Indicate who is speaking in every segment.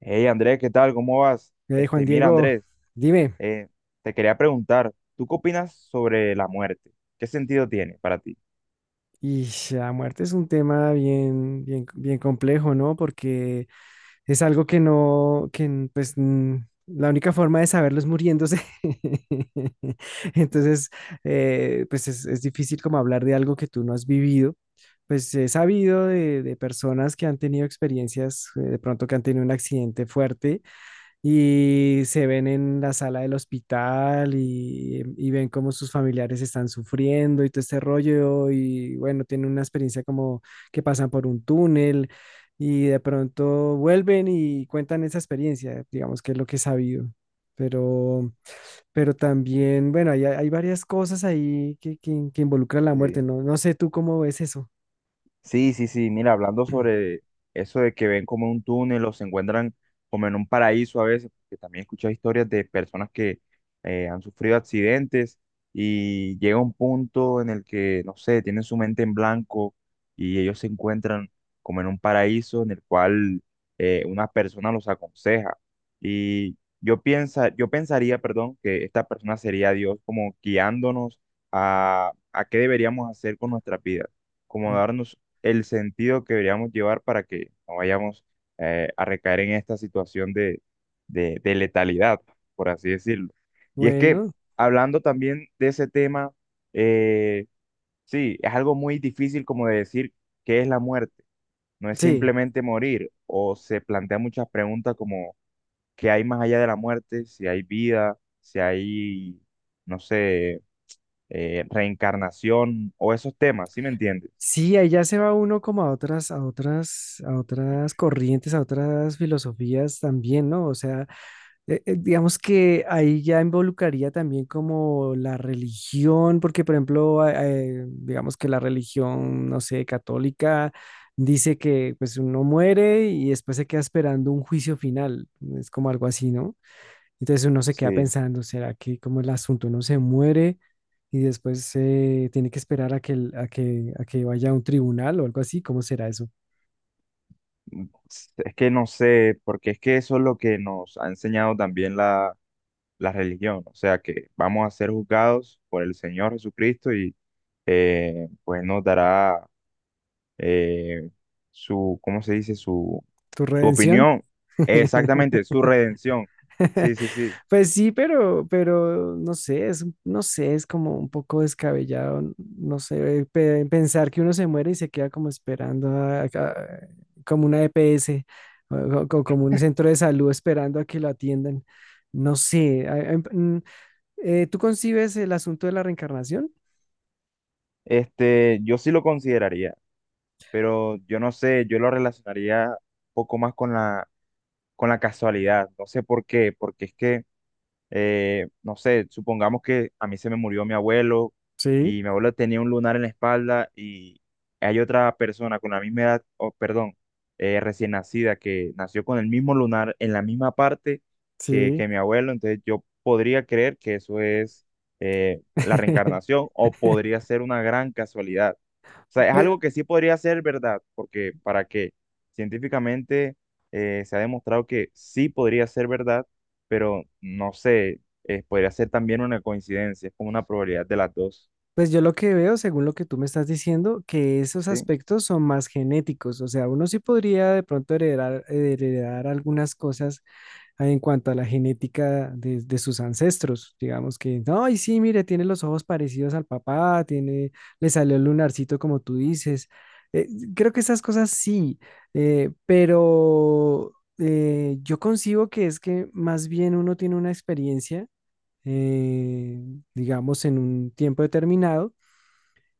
Speaker 1: Hey Andrés, ¿qué tal? ¿Cómo vas?
Speaker 2: Juan
Speaker 1: Este, mira
Speaker 2: Diego,
Speaker 1: Andrés,
Speaker 2: dime.
Speaker 1: eh, te quería preguntar, ¿tú qué opinas sobre la muerte? ¿Qué sentido tiene para ti?
Speaker 2: Y la muerte es un tema bien complejo, ¿no? Porque es algo que no, que n- pues n- la única forma de saberlo es muriéndose. Entonces, es difícil como hablar de algo que tú no has vivido. Pues he sabido de personas que han tenido experiencias, de pronto que han tenido un accidente fuerte, y se ven en la sala del hospital y ven cómo sus familiares están sufriendo y todo este rollo. Y bueno, tienen una experiencia como que pasan por un túnel y de pronto vuelven y cuentan esa experiencia, digamos que es lo que he sabido. Pero, pero también, bueno, hay, varias cosas ahí que involucran la muerte,
Speaker 1: Sí.
Speaker 2: ¿no? No sé tú cómo ves eso.
Speaker 1: Sí, sí, sí, mira, hablando sobre eso de que ven como en un túnel o se encuentran como en un paraíso a veces, porque también he escuchado historias de personas que han sufrido accidentes y llega un punto en el que, no sé, tienen su mente en blanco y ellos se encuentran como en un paraíso en el cual una persona los aconseja. Y yo pensaría, perdón, que esta persona sería Dios como guiándonos a qué deberíamos hacer con nuestras vidas, como darnos el sentido que deberíamos llevar para que no vayamos a recaer en esta situación de letalidad, por así decirlo. Y es que
Speaker 2: Bueno,
Speaker 1: hablando también de ese tema, eh, sí, es algo muy difícil como de decir qué es la muerte. No es
Speaker 2: sí.
Speaker 1: simplemente morir o se plantean muchas preguntas como qué hay más allá de la muerte, si hay vida, si hay, no sé, reencarnación o esos temas, ¿sí me entiendes?
Speaker 2: Sí, ahí ya se va uno como a otras, a otras corrientes, a otras filosofías también, ¿no? O sea, digamos que ahí ya involucraría también como la religión, porque por ejemplo, digamos que la religión, no sé, católica, dice que pues uno muere y después se queda esperando un juicio final, es como algo así, ¿no? Entonces uno se queda
Speaker 1: Sí.
Speaker 2: pensando, ¿será que como el asunto uno se muere y después se tiene que esperar a que, a que vaya a un tribunal o algo así? ¿Cómo será eso?
Speaker 1: Es que no sé, porque es que eso es lo que nos ha enseñado también la religión, o sea que vamos a ser juzgados por el Señor Jesucristo y pues nos dará eh, su, ¿cómo se dice? Su,
Speaker 2: ¿Tu
Speaker 1: su
Speaker 2: redención?
Speaker 1: opinión, exactamente, su redención. Sí, sí, sí.
Speaker 2: Pues sí, pero no sé, es, no sé, es como un poco descabellado, no sé, pensar que uno se muere y se queda como esperando como una EPS o como un centro de salud esperando a que lo atiendan. No sé, ¿tú concibes el asunto de la reencarnación?
Speaker 1: Este, yo sí lo consideraría, pero yo no sé, yo lo relacionaría un poco más con con la casualidad, no sé por qué, porque es que no sé, supongamos que a mí se me murió mi abuelo
Speaker 2: Sí,
Speaker 1: y mi abuelo tenía un lunar en la espalda y hay otra persona con la misma edad, o perdón, recién nacida que nació con el mismo lunar en la misma parte
Speaker 2: sí.
Speaker 1: que mi abuelo, entonces yo podría creer que eso es la reencarnación o podría ser una gran casualidad. O sea, es
Speaker 2: Pero,
Speaker 1: algo que sí podría ser verdad, porque para qué, científicamente se ha demostrado que sí podría ser verdad, pero no sé, podría ser también una coincidencia, es como una probabilidad de las dos.
Speaker 2: pues yo lo que veo, según lo que tú me estás diciendo, que esos
Speaker 1: Sí,
Speaker 2: aspectos son más genéticos. O sea, uno sí podría de pronto heredar, heredar algunas cosas. Ah, en cuanto a la genética de sus ancestros. Digamos que, no, y sí, mire, tiene los ojos parecidos al papá, tiene, le salió el lunarcito como tú dices. Eh, Creo que esas cosas sí, yo concibo que es que más bien uno tiene una experiencia, eh, digamos, en un tiempo determinado.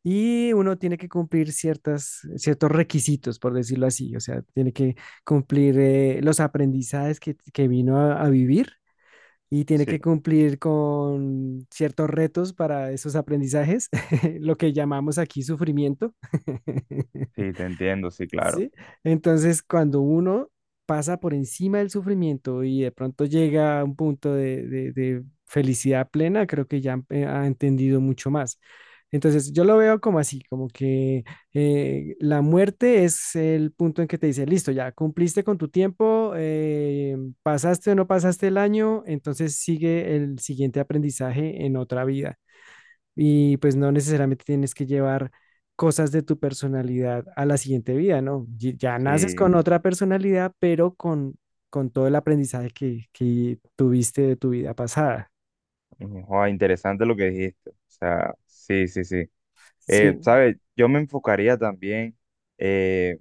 Speaker 2: Y uno tiene que cumplir ciertos requisitos, por decirlo así. O sea, tiene que cumplir los aprendizajes que vino a vivir y tiene
Speaker 1: sí,
Speaker 2: que cumplir con ciertos retos para esos aprendizajes, lo que llamamos aquí sufrimiento.
Speaker 1: sí, te entiendo, sí, claro.
Speaker 2: ¿Sí? Entonces, cuando uno pasa por encima del sufrimiento y de pronto llega a un punto de, de felicidad plena, creo que ya ha entendido mucho más. Entonces, yo lo veo como así, como que la muerte es el punto en que te dice, listo, ya cumpliste con tu tiempo, pasaste o no pasaste el año, entonces sigue el siguiente aprendizaje en otra vida. Y pues no necesariamente tienes que llevar cosas de tu personalidad a la siguiente vida, ¿no? Ya naces
Speaker 1: Sí,
Speaker 2: con otra personalidad, pero con todo el aprendizaje que tuviste de tu vida pasada.
Speaker 1: ujú, joa, interesante lo que dijiste. O sea, sí, sí, sí.
Speaker 2: Sí,
Speaker 1: ¿Sabes? Yo me enfocaría también, eh,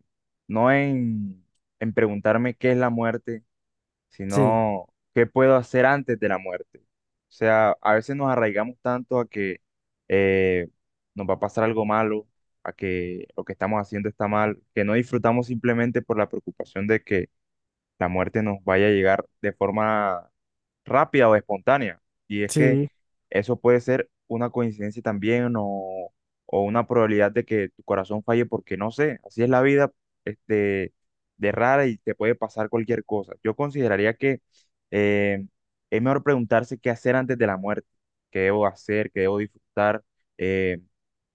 Speaker 1: no en preguntarme qué es la muerte,
Speaker 2: sí,
Speaker 1: sino qué puedo hacer antes de la muerte. O sea, a veces nos arraigamos tanto a que eh, nos va a pasar algo malo, a que lo que estamos haciendo está mal, que no disfrutamos simplemente por la preocupación de que la muerte nos vaya a llegar de forma rápida o espontánea. Y es que
Speaker 2: sí.
Speaker 1: eso puede ser una coincidencia también o una probabilidad de que tu corazón falle porque no sé, así es la vida, este, de rara y te puede pasar cualquier cosa. Yo consideraría que eh, es mejor preguntarse qué hacer antes de la muerte, qué debo hacer, qué debo disfrutar, eh,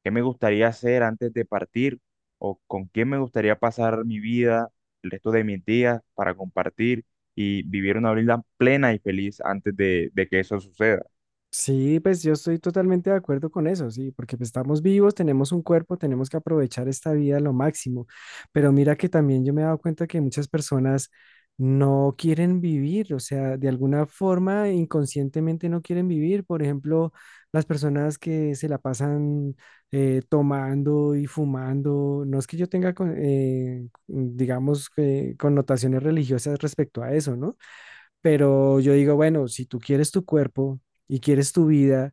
Speaker 1: qué me gustaría hacer antes de partir o con quién me gustaría pasar mi vida el resto de mis días para compartir y vivir una vida plena y feliz antes de que eso suceda.
Speaker 2: Sí, pues yo estoy totalmente de acuerdo con eso, sí, porque pues, estamos vivos, tenemos un cuerpo, tenemos que aprovechar esta vida a lo máximo. Pero mira que también yo me he dado cuenta que muchas personas no quieren vivir, o sea, de alguna forma inconscientemente no quieren vivir. Por ejemplo, las personas que se la pasan tomando y fumando, no es que yo tenga, digamos, que connotaciones religiosas respecto a eso, ¿no? Pero yo digo, bueno, si tú quieres tu cuerpo y quieres tu vida,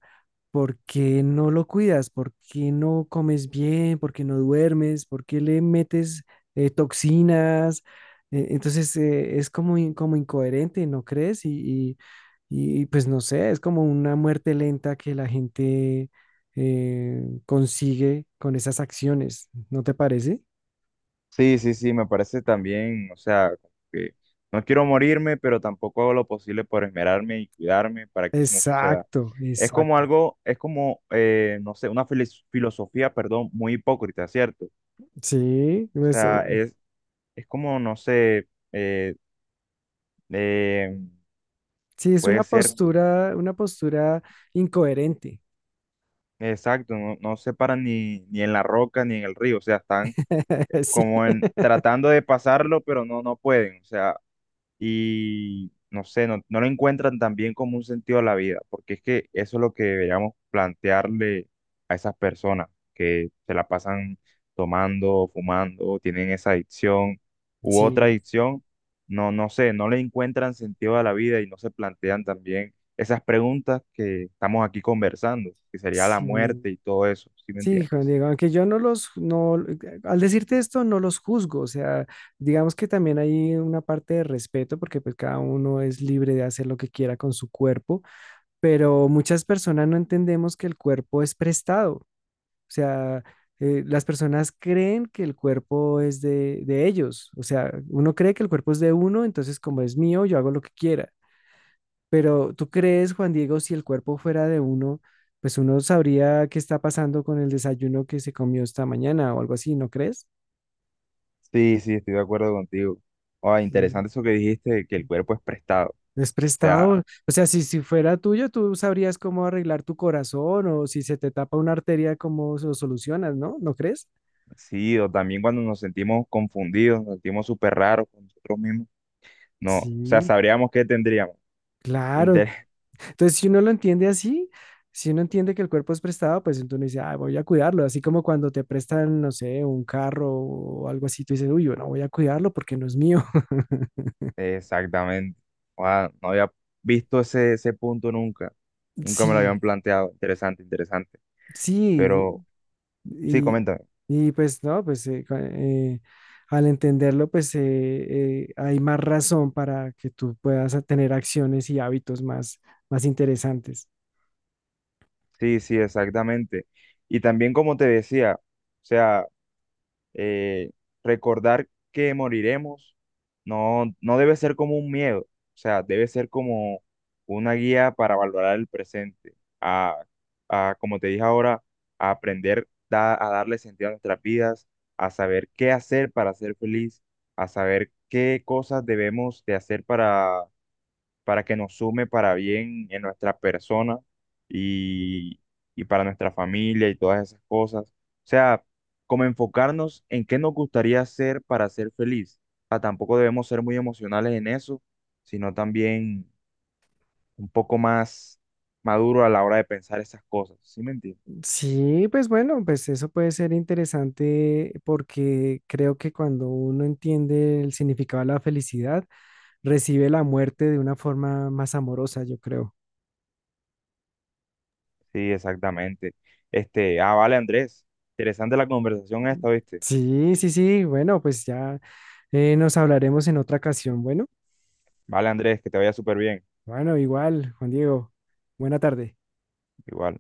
Speaker 2: ¿por qué no lo cuidas? ¿Por qué no comes bien? ¿Por qué no duermes? ¿Por qué le metes toxinas? Entonces es como, como incoherente, ¿no crees? Pues no sé, es como una muerte lenta que la gente consigue con esas acciones, ¿no te parece?
Speaker 1: Sí, sí, sí, me parece también, o sea, como que no quiero morirme, pero tampoco hago lo posible por esmerarme y cuidarme para que eso no suceda.
Speaker 2: Exacto,
Speaker 1: Es como
Speaker 2: exacto.
Speaker 1: algo, es como, no sé, una filosofía, perdón, muy hipócrita, ¿cierto?
Speaker 2: Sí,
Speaker 1: O sea,
Speaker 2: eso.
Speaker 1: es como, no sé, eh,
Speaker 2: Sí, es
Speaker 1: puede ser
Speaker 2: una postura incoherente.
Speaker 1: exacto, no, no se paran ni, ni en la roca ni en el río, o sea, están
Speaker 2: Sí.
Speaker 1: como en tratando de pasarlo, pero no, no pueden, o sea, y no sé, no, no le encuentran también como un sentido a la vida, porque es que eso es lo que deberíamos plantearle a esas personas que se la pasan tomando, fumando, tienen esa adicción u otra
Speaker 2: Sí,
Speaker 1: adicción, no, no sé, no le encuentran sentido a la vida y no se plantean también esas preguntas que estamos aquí conversando, que sería la
Speaker 2: sí,
Speaker 1: muerte y todo eso, ¿sí me
Speaker 2: sí, Juan
Speaker 1: entiendes?
Speaker 2: Diego, aunque yo no los, no, al decirte esto, no los juzgo, o sea, digamos que también hay una parte de respeto porque pues cada uno es libre de hacer lo que quiera con su cuerpo, pero muchas personas no entendemos que el cuerpo es prestado. O sea, las personas creen que el cuerpo es de ellos. O sea, uno cree que el cuerpo es de uno, entonces como es mío, yo hago lo que quiera. Pero tú crees, Juan Diego, si el cuerpo fuera de uno, pues uno sabría qué está pasando con el desayuno que se comió esta mañana o algo así, ¿no crees?
Speaker 1: Sí, sí, estoy de acuerdo contigo. Ah,
Speaker 2: Sí.
Speaker 1: interesante eso que dijiste, de que el cuerpo es prestado. O
Speaker 2: Es
Speaker 1: sea,
Speaker 2: prestado. O sea, si, si fuera tuyo, tú sabrías cómo arreglar tu corazón o si se te tapa una arteria, cómo lo solucionas, ¿no? ¿No crees?
Speaker 1: sí, o también cuando nos sentimos confundidos, nos sentimos súper raros con nosotros mismos. No, o sea,
Speaker 2: Sí,
Speaker 1: sabríamos qué tendríamos.
Speaker 2: claro.
Speaker 1: Inter-
Speaker 2: Entonces, si uno lo entiende así, si uno entiende que el cuerpo es prestado, pues entonces uno dice, ah, voy a cuidarlo. Así como cuando te prestan, no sé, un carro o algo así, tú dices, uy, yo no voy a cuidarlo porque no es mío.
Speaker 1: Exactamente. Ah, no había visto ese punto nunca. Nunca me lo habían
Speaker 2: Sí,
Speaker 1: planteado. Interesante, interesante.
Speaker 2: sí.
Speaker 1: Pero sí,
Speaker 2: Y,
Speaker 1: coméntame.
Speaker 2: y pues no, pues cua- Al entenderlo, hay más razón para que tú puedas tener acciones y hábitos más, más interesantes.
Speaker 1: Sí, sí, exactamente. Y también como te decía, o sea, eh, recordar que moriremos no, no debe ser como un miedo, o sea, debe ser como una guía para valorar el presente, a, a, como te dije ahora, a aprender a darle sentido a nuestras vidas, a saber qué hacer para ser feliz, a saber qué cosas debemos de hacer para que nos sume para bien en nuestra persona y, y para nuestra familia y todas esas cosas. O sea, como enfocarnos en qué nos gustaría hacer para ser feliz. O sea, tampoco debemos ser muy emocionales en eso, sino también un poco más maduro a la hora de pensar esas cosas. ¿Sí me entiendes?
Speaker 2: Sí, pues bueno, pues eso puede ser interesante porque creo que cuando uno entiende el significado de la felicidad, recibe la muerte de una forma más amorosa, yo creo.
Speaker 1: Sí, exactamente. Este, ah, vale, Andrés. Interesante la conversación esta, ¿viste?
Speaker 2: Sí, sí, sí, bueno, pues ya nos hablaremos en otra ocasión. Bueno,
Speaker 1: Vale, Andrés, que te vaya súper bien.
Speaker 2: bueno, igual, Juan Diego, buena tarde.
Speaker 1: Igual.